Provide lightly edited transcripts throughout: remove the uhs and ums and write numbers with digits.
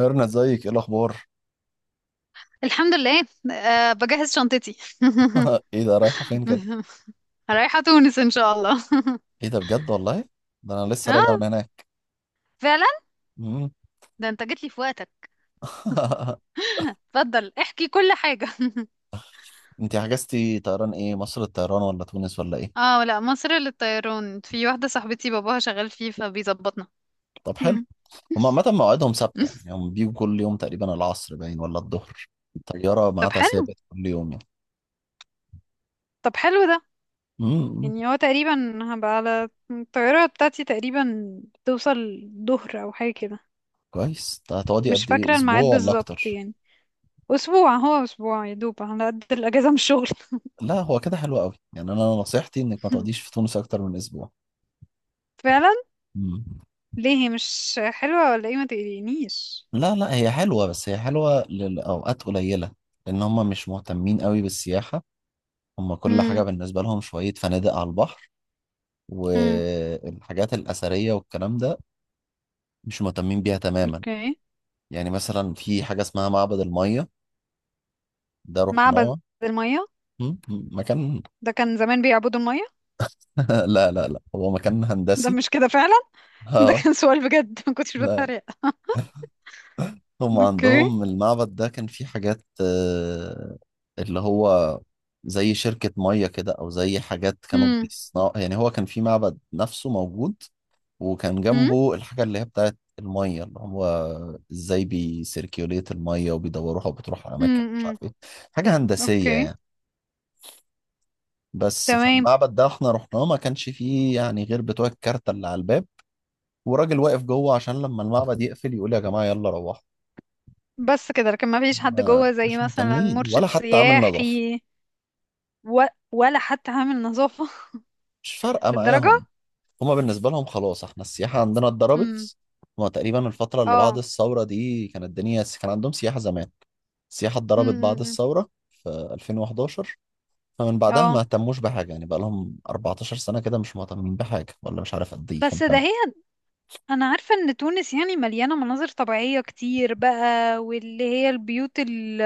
ميرنا، ازيك؟ ايه الاخبار؟ الحمد لله. أه، بجهز شنطتي. ايه ده، رايحه فين كده؟ رايحة تونس إن شاء الله. ايه ده بجد؟ والله ده انا لسه راجع من اه، هناك. فعلا. مم. ده انت جيت لي في وقتك. اتفضل احكي كل حاجة. انت حجزتي طيران ايه، مصر الطيران ولا تونس ولا ايه؟ اه، لا، مصر للطيران، في واحدة صاحبتي باباها شغال فيه فبيظبطنا. طب حلو. هم عامه مواعيدهم ثابته؟ يعني هم بيجوا كل يوم تقريبا العصر باين ولا الظهر؟ طياره طب ميعادها حلو. ثابت كل يوم يعني. طب حلو ده. مم. يعني هو تقريبا هبقى على الطيارة بتاعتي، تقريبا توصل ظهر أو حاجة كده. كويس. ده هتقعدي مش قد ايه، فاكرة الميعاد اسبوع ولا بالظبط اكتر؟ يعني. أسبوع، هو أسبوع يا دوب على قد الأجازة من الشغل. لا هو كده حلو قوي، يعني انا نصيحتي انك ما تقعديش في تونس اكتر من اسبوع. فعلا. مم. ليه، هي مش حلوة ولا ايه؟ ما تقلقنيش. لا لا، هي حلوة، بس هي حلوة لأوقات قليلة، لأن هم مش مهتمين قوي بالسياحة. هم كل حاجة امم. بالنسبة لهم شوية فنادق على البحر، امم. والحاجات الأثرية والكلام ده مش مهتمين بيها تماما. اوكي. يعني مثلا في حاجة اسمها معبد المية، ده معبد رحناه. المية؟ مكان. ده كان زمان بيعبدوا المية؟ لا لا لا، هو مكان ده هندسي. مش كده فعلا؟ ده اه. كان سؤال بجد، ما كنتش لا، بتريق. هم اوكي. عندهم المعبد ده كان فيه حاجات اللي هو زي شركة مية كده، أو زي حاجات كانوا امم. بيصنعوا. يعني هو كان فيه معبد نفسه موجود، وكان امم. جنبه الحاجة اللي هي بتاعت المية، اللي هو ازاي بيسيركيوليت المية وبيدوروها وبتروح على أماكن مش امم. عارف ايه. حاجة هندسية اوكي. يعني. بس تمام. فالمعبد ده احنا رحناه ما كانش فيه يعني غير بتوع الكارتة اللي على الباب، وراجل واقف جوه عشان لما المعبد يقفل يقول يا جماعة يلا روحوا. بس كده؟ لكن ما فيش حد ما جوه زي مش مثلا مهتمين، ولا مرشد حتى عامل نظافة. سياحي؟ و... ولا حتى عامل نظافة. مش فارقة للدرجة؟ معاهم. هما بالنسبة لهم خلاص احنا السياحة عندنا امم. اتضربت. هما تقريبا الفترة اللي بعد اه. الثورة دي كانت الدنيا كان عندهم سياحة زمان. السياحة اتضربت بعد امم. الثورة في 2011. فمن بعدها ما اه. اهتموش بحاجة. يعني بقى لهم 14 سنة كده مش مهتمين بحاجة، ولا مش عارف قد ايه كام بس ده سنة. هي انا عارفة ان تونس يعني مليانة مناظر طبيعية كتير بقى، واللي هي البيوت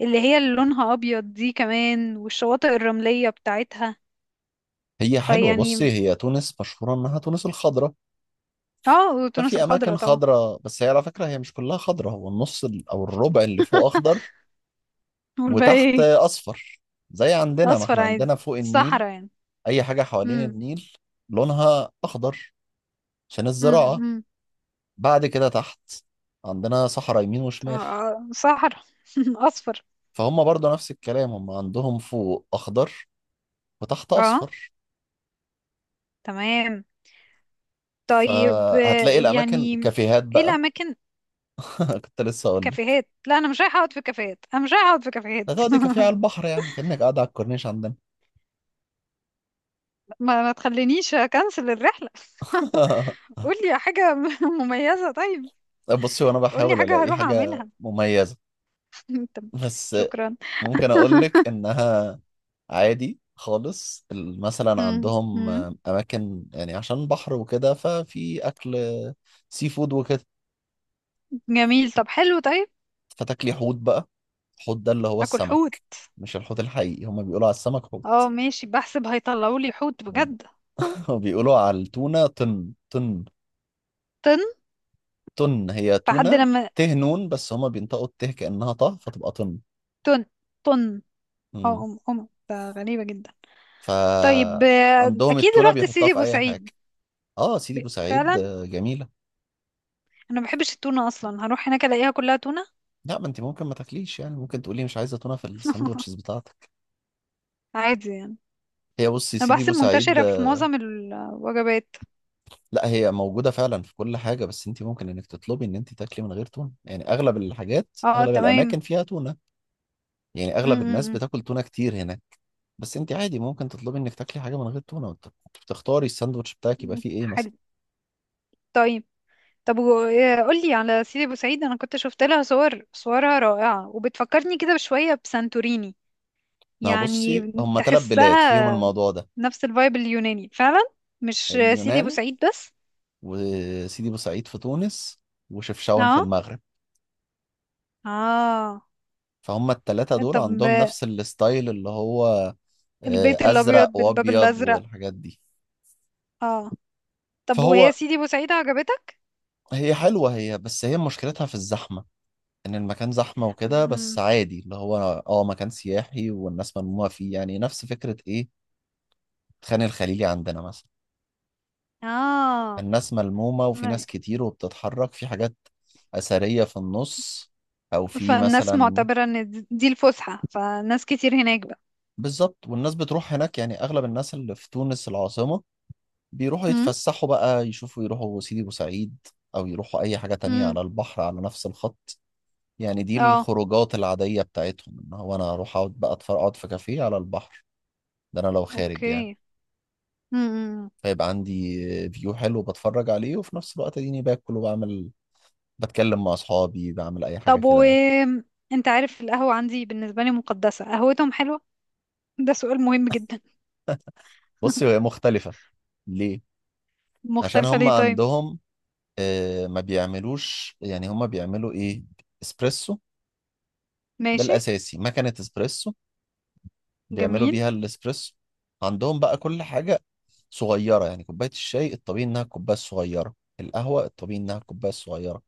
اللي هي اللي لونها ابيض دي كمان، والشواطئ الرملية بتاعتها. هي حلوة. بصي، فيعني، هي تونس مشهورة انها تونس الخضراء. اه، وتونس ففي اماكن الخضراء طبعا. خضراء، بس هي على فكرة هي مش كلها خضراء. هو النص او الربع اللي فوق اخضر، والباقي وتحت ايه؟ اصفر. زي عندنا، ما اصفر احنا عادي. عندنا فوق النيل صحراء يعني. اي حاجه حوالين امم. النيل لونها اخضر عشان الزراعه. امم. بعد كده تحت عندنا صحراء يمين وشمال. صحراء. اصفر. فهم برضو نفس الكلام، هم عندهم فوق اخضر وتحت اه اصفر. تمام. طيب فهتلاقي الاماكن يعني، كافيهات ايه بقى. الاماكن؟ كنت لسه اقول لك. كافيهات؟ لا، انا مش رايحه اقعد في كافيهات، انا مش رايحه اقعد في كافيهات. هتقعدي كافيه على البحر، يعني كانك قاعده على الكورنيش عندنا. ما تخلينيش اكنسل الرحلة. قولي حاجة مميزة، طيب. بصي، وانا قولي بحاول حاجة الاقي هروح حاجه اعملها. مميزه. طب بس شكرا. ممكن اقول لك انها عادي خالص. مثلا مم. عندهم مم. اماكن يعني عشان بحر وكده، ففي اكل سي فود وكده. جميل، طب حلو طيب. فتاكلي حوت بقى. الحوت ده اللي هو اكل حوت؟ السمك، مش الحوت الحقيقي. هما بيقولوا على السمك حوت. اه ماشي، بحسب هيطلعوا لي حوت بجد. وبيقولوا على التونة طن طن. طن. طن هي فحد تونة. لما ته نون، بس هما بينطقوا الته كأنها طه فتبقى طن. طن. طن. اه مم. ام ام ده غريبة جدا. طيب فعندهم اكيد التونة رحت بيحطها سيدي في ابو أي حاجة. سعيد. اه سيدي بوسعيد فعلا. جميلة. انا ما بحبش التونة اصلا، هروح هناك الاقيها كلها تونة. لا، ما انت ممكن ما تاكليش. يعني ممكن تقولي مش عايزه تونه في الساندوتشز بتاعتك. عادي يعني. هي بصي، يا انا سيدي بحسب بورسعيد منتشرة في آه، معظم الوجبات. لا هي موجوده فعلا في كل حاجه، بس انت ممكن انك تطلبي ان انت تاكلي من غير تونه. يعني اغلب الحاجات، اه اغلب تمام. الاماكن فيها تونه. يعني اغلب الناس امم. بتاكل تونه كتير هناك. بس انت عادي ممكن تطلبي انك تاكلي حاجه من غير تونه، تختاري الساندوتش بتاعك يبقى فيه ايه مثلا. حلو طيب. طب قولي على سيدي بوسعيد، انا كنت شفت لها صور، صورها رائعة وبتفكرني كده بشوية بسانتوريني. ما يعني بصي، هم ثلاث بلاد فيهم تحسها الموضوع ده: نفس الفايب اليوناني فعلا، مش سيدي اليونان، بوسعيد بس. وسيدي بورسعيد في تونس، وشفشاون في اه، المغرب. اه. فهم الثلاثة دول طب عندهم نفس الستايل، اللي هو البيت الابيض ازرق بالباب وابيض الازرق. والحاجات دي. اه. طب فهو وهي سيدي بوسعيد عجبتك؟ هي حلوه، هي بس هي مشكلتها في الزحمه. ان المكان زحمه وكده، بس مم. عادي اللي هو اه مكان سياحي والناس ملمومه فيه. يعني نفس فكره ايه؟ خان الخليلي عندنا مثلا. اه. الناس ملمومه وفي ناس كتير وبتتحرك في حاجات اثريه في النص، او في فالناس مثلا. معتبرة ان دي الفسحة، فناس كتير هناك بقى. بالظبط، والناس بتروح هناك. يعني اغلب الناس اللي في تونس العاصمه بيروحوا يتفسحوا بقى، يشوفوا، يروحوا سيدي بوسعيد، او يروحوا اي حاجه تانية امم. على البحر على نفس الخط. يعني دي اه. الخروجات العادية بتاعتهم، ان هو انا اروح اقعد بقى اتفرج، اقعد في كافيه على البحر. ده انا لو خارج يعني. اوكي. امم. فيبقى عندي فيو حلو بتفرج عليه، وفي نفس الوقت اديني باكل وبعمل، بتكلم مع اصحابي، بعمل اي حاجة طب كده يعني. انت عارف القهوة عندي بالنسبة لي مقدسة؟ قهوتهم حلوة؟ ده سؤال مهم جدا. بصي، هي مختلفة. ليه؟ عشان مختلفة هم ليه طيب؟ عندهم ما بيعملوش. يعني هم بيعملوا ايه؟ اسبريسو. ده ماشي. الاساسي، مكنة اسبريسو بيعملوا جميل. بيها الاسبريسو. عندهم بقى كل حاجة صغيرة، يعني كوباية الشاي الطبيعي إنها الكوباية الصغيرة، القهوة الطبيعي إنها الكوباية الصغيرة.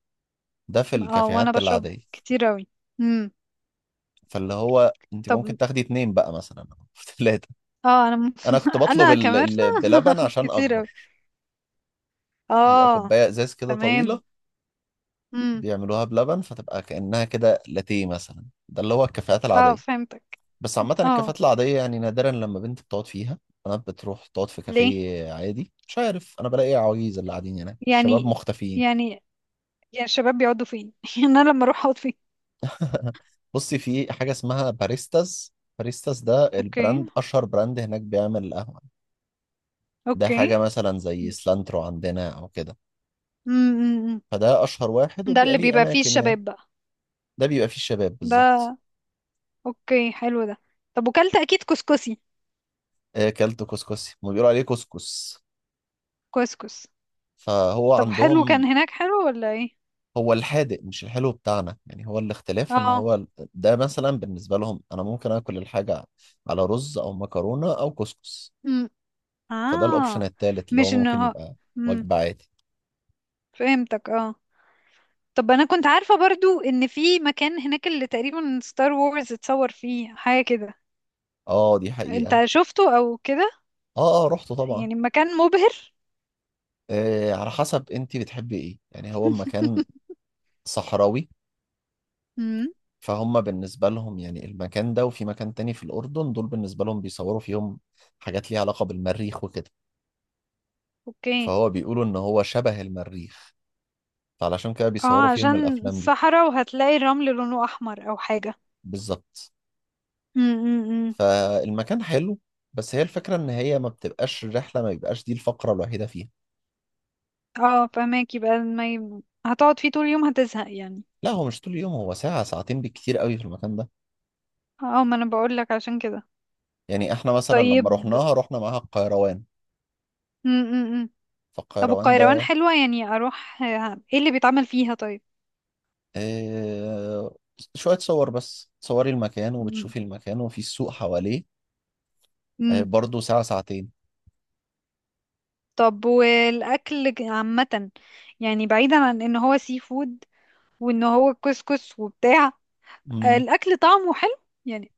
ده في اه، وانا الكافيهات بشرب العادية. كتير اوي. امم. فاللي هو أنت طب ممكن تاخدي اتنين بقى مثلا، أو تلاتة. اه أنا كنت بطلب انا ال... كمرنا. ال... بلبن هاخد عشان كتير اوي. أكبر، يبقى اه كوباية إزاز كده تمام. طويلة امم. بيعملوها بلبن فتبقى كأنها كده لاتيه مثلا. ده اللي هو الكافيهات اه العادية. فهمتك. بس عامة اه. الكافيهات العادية يعني نادرا لما بنت بتقعد فيها. أنا بتروح تقعد في ليه؟ كافيه عادي، مش عارف، أنا بلاقي عواجيز اللي قاعدين هناك، الشباب يعني مختفيين. يعني يعني الشباب بيقعدوا فين؟ يعني انا لما اروح اقعد فين؟ بصي، في حاجة اسمها باريستاز. باريستاز ده اوكي. البراند، أشهر براند هناك بيعمل القهوة. ده اوكي. حاجة مثلا زي سلانترو عندنا أو كده. فده أشهر واحد، ده وبيبقى اللي ليه بيبقى فيه أماكن يعني. الشباب بقى. ده بيبقى فيه الشباب بالظبط. ده اوكي حلو ده. طب وكلت اكيد كسكسي؟ كلت كسكسي. ما بيقولوا عليه كسكس. كسكس. فهو طب حلو، عندهم كان هناك حلو ولا ايه؟ هو الحادق مش الحلو بتاعنا. يعني هو الاختلاف ان اه. هو ده مثلا بالنسبة لهم انا ممكن اكل الحاجة على رز او مكرونة او كسكس. امم. فده الاوبشن اه. التالت اللي مش هو ممكن انه. يبقى امم. وجبة عادي. فهمتك اه. طب انا كنت عارفة برضو ان في مكان هناك اللي تقريبا ستار وورز اتصور فيه حاجة كده. اه دي حقيقة. انت شفته او كده؟ اه اه، رحت طبعا. يعني مكان مبهر؟ آه، على حسب انت بتحبي ايه. يعني هو مكان صحراوي. امم. فهم بالنسبة لهم يعني المكان ده وفي مكان تاني في الأردن، دول بالنسبة لهم بيصوروا فيهم حاجات ليها علاقة بالمريخ وكده. اوكي. فهو بيقولوا إن هو شبه المريخ، فعلشان كده بيصوروا اه، فيهم عشان الأفلام دي. صحراء وهتلاقي الرمل لونه احمر او حاجة. بالظبط. امم. فالمكان حلو، بس هي الفكرة ان هي ما بتبقاش الرحلة، ما بيبقاش دي الفقرة الوحيدة فيها. اه، فماكي بقى ما ي... هتقعد فيه طول اليوم هتزهق يعني. لا هو مش طول اليوم، هو ساعة ساعتين بالكتير قوي في المكان ده. اه، ما انا بقول لك عشان كده. يعني احنا مثلا لما طيب. رحناها رحنا معاها القيروان. م -م -م. طب فالقيروان والقيروان ده حلوة؟ يعني اروح ايه اللي بيتعمل فيها طيب؟ آه شوية صور بس، تصوري المكان م وبتشوفي المكان وفي السوق حواليه. آه، -م. برضه ساعة ساعتين. طب والاكل عامة، يعني بعيدا عن ان هو سي فود، وان هو كسكس وبتاع. مم. الاكل طعمه حلو، يعني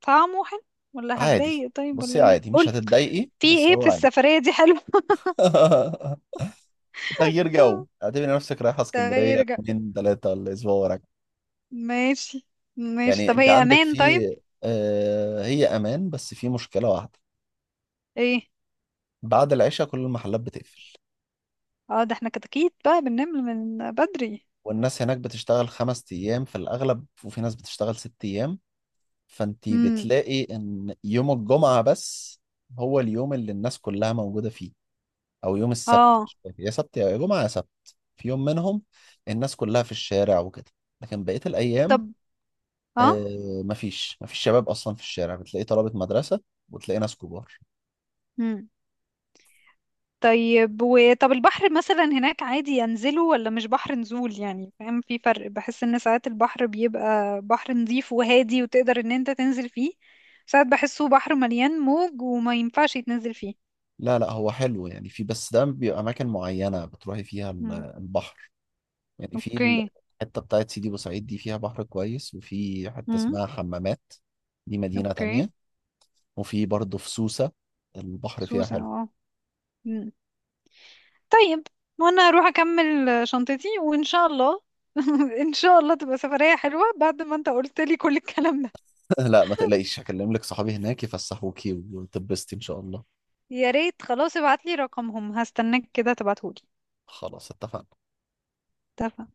طعمه حلو ولا عادي. هتضايق طيب، بصي، ولا ايه، عادي مش قول. هتتضايقي، في بس ايه هو في عادي. السفرية دي حلو؟ تغيير جو، اعتبري نفسك رايحة اسكندرية تغير جو. يومين ثلاثة ولا اسبوع ورا. ماشي. ماشي. يعني طب انت هي عندك في امان طيب؟ هي امان، بس في مشكله واحده. ايه؟ بعد العشاء كل المحلات بتقفل. اه ده احنا كده اكيد بقى بننام من بدري. والناس هناك بتشتغل خمس ايام في الاغلب، وفي ناس بتشتغل ست ايام. فانت امم. بتلاقي ان يوم الجمعه بس هو اليوم اللي الناس كلها موجوده فيه، او يوم السبت، اه. مش فاكر، يا سبت يا جمعه، يا سبت. في يوم منهم الناس كلها في الشارع وكده. لكن بقيه الايام طب اه. مفيش شباب اصلا في الشارع، بتلاقي طلبه مدرسه وتلاقي ناس كبار. امم. طيب طب البحر مثلا هناك عادي ينزله، ولا مش بحر نزول يعني، فاهم؟ في فرق، بحس ان ساعات البحر بيبقى بحر نظيف وهادي وتقدر ان انت تنزل فيه، ساعات بحسه بحر مليان موج وما ينفعش يتنزل فيه. لا لا، هو حلو يعني. في، بس ده بيبقى أماكن معينة بتروحي فيها امم. البحر. يعني في اوكي. الحتة بتاعت سيدي بوسعيد دي فيها بحر كويس. وفي حتة امم. اسمها حمامات، دي مدينة تانية. اوكي. وفي برضه في سوسة، البحر فيها سوسة حلو. اه. طيب. وانا اروح اكمل شنطتي وان شاء الله. ان شاء الله تبقى سفرية حلوة بعد ما انت قلت لي كل الكلام ده. لا ما تقلقيش، هكلم لك صحابي هناك يفسحوكي وتبسطي إن شاء الله. يا ريت، خلاص ابعت لي رقمهم، هستناك كده تبعتهولي. خلاص اتفقنا. اتفقنا.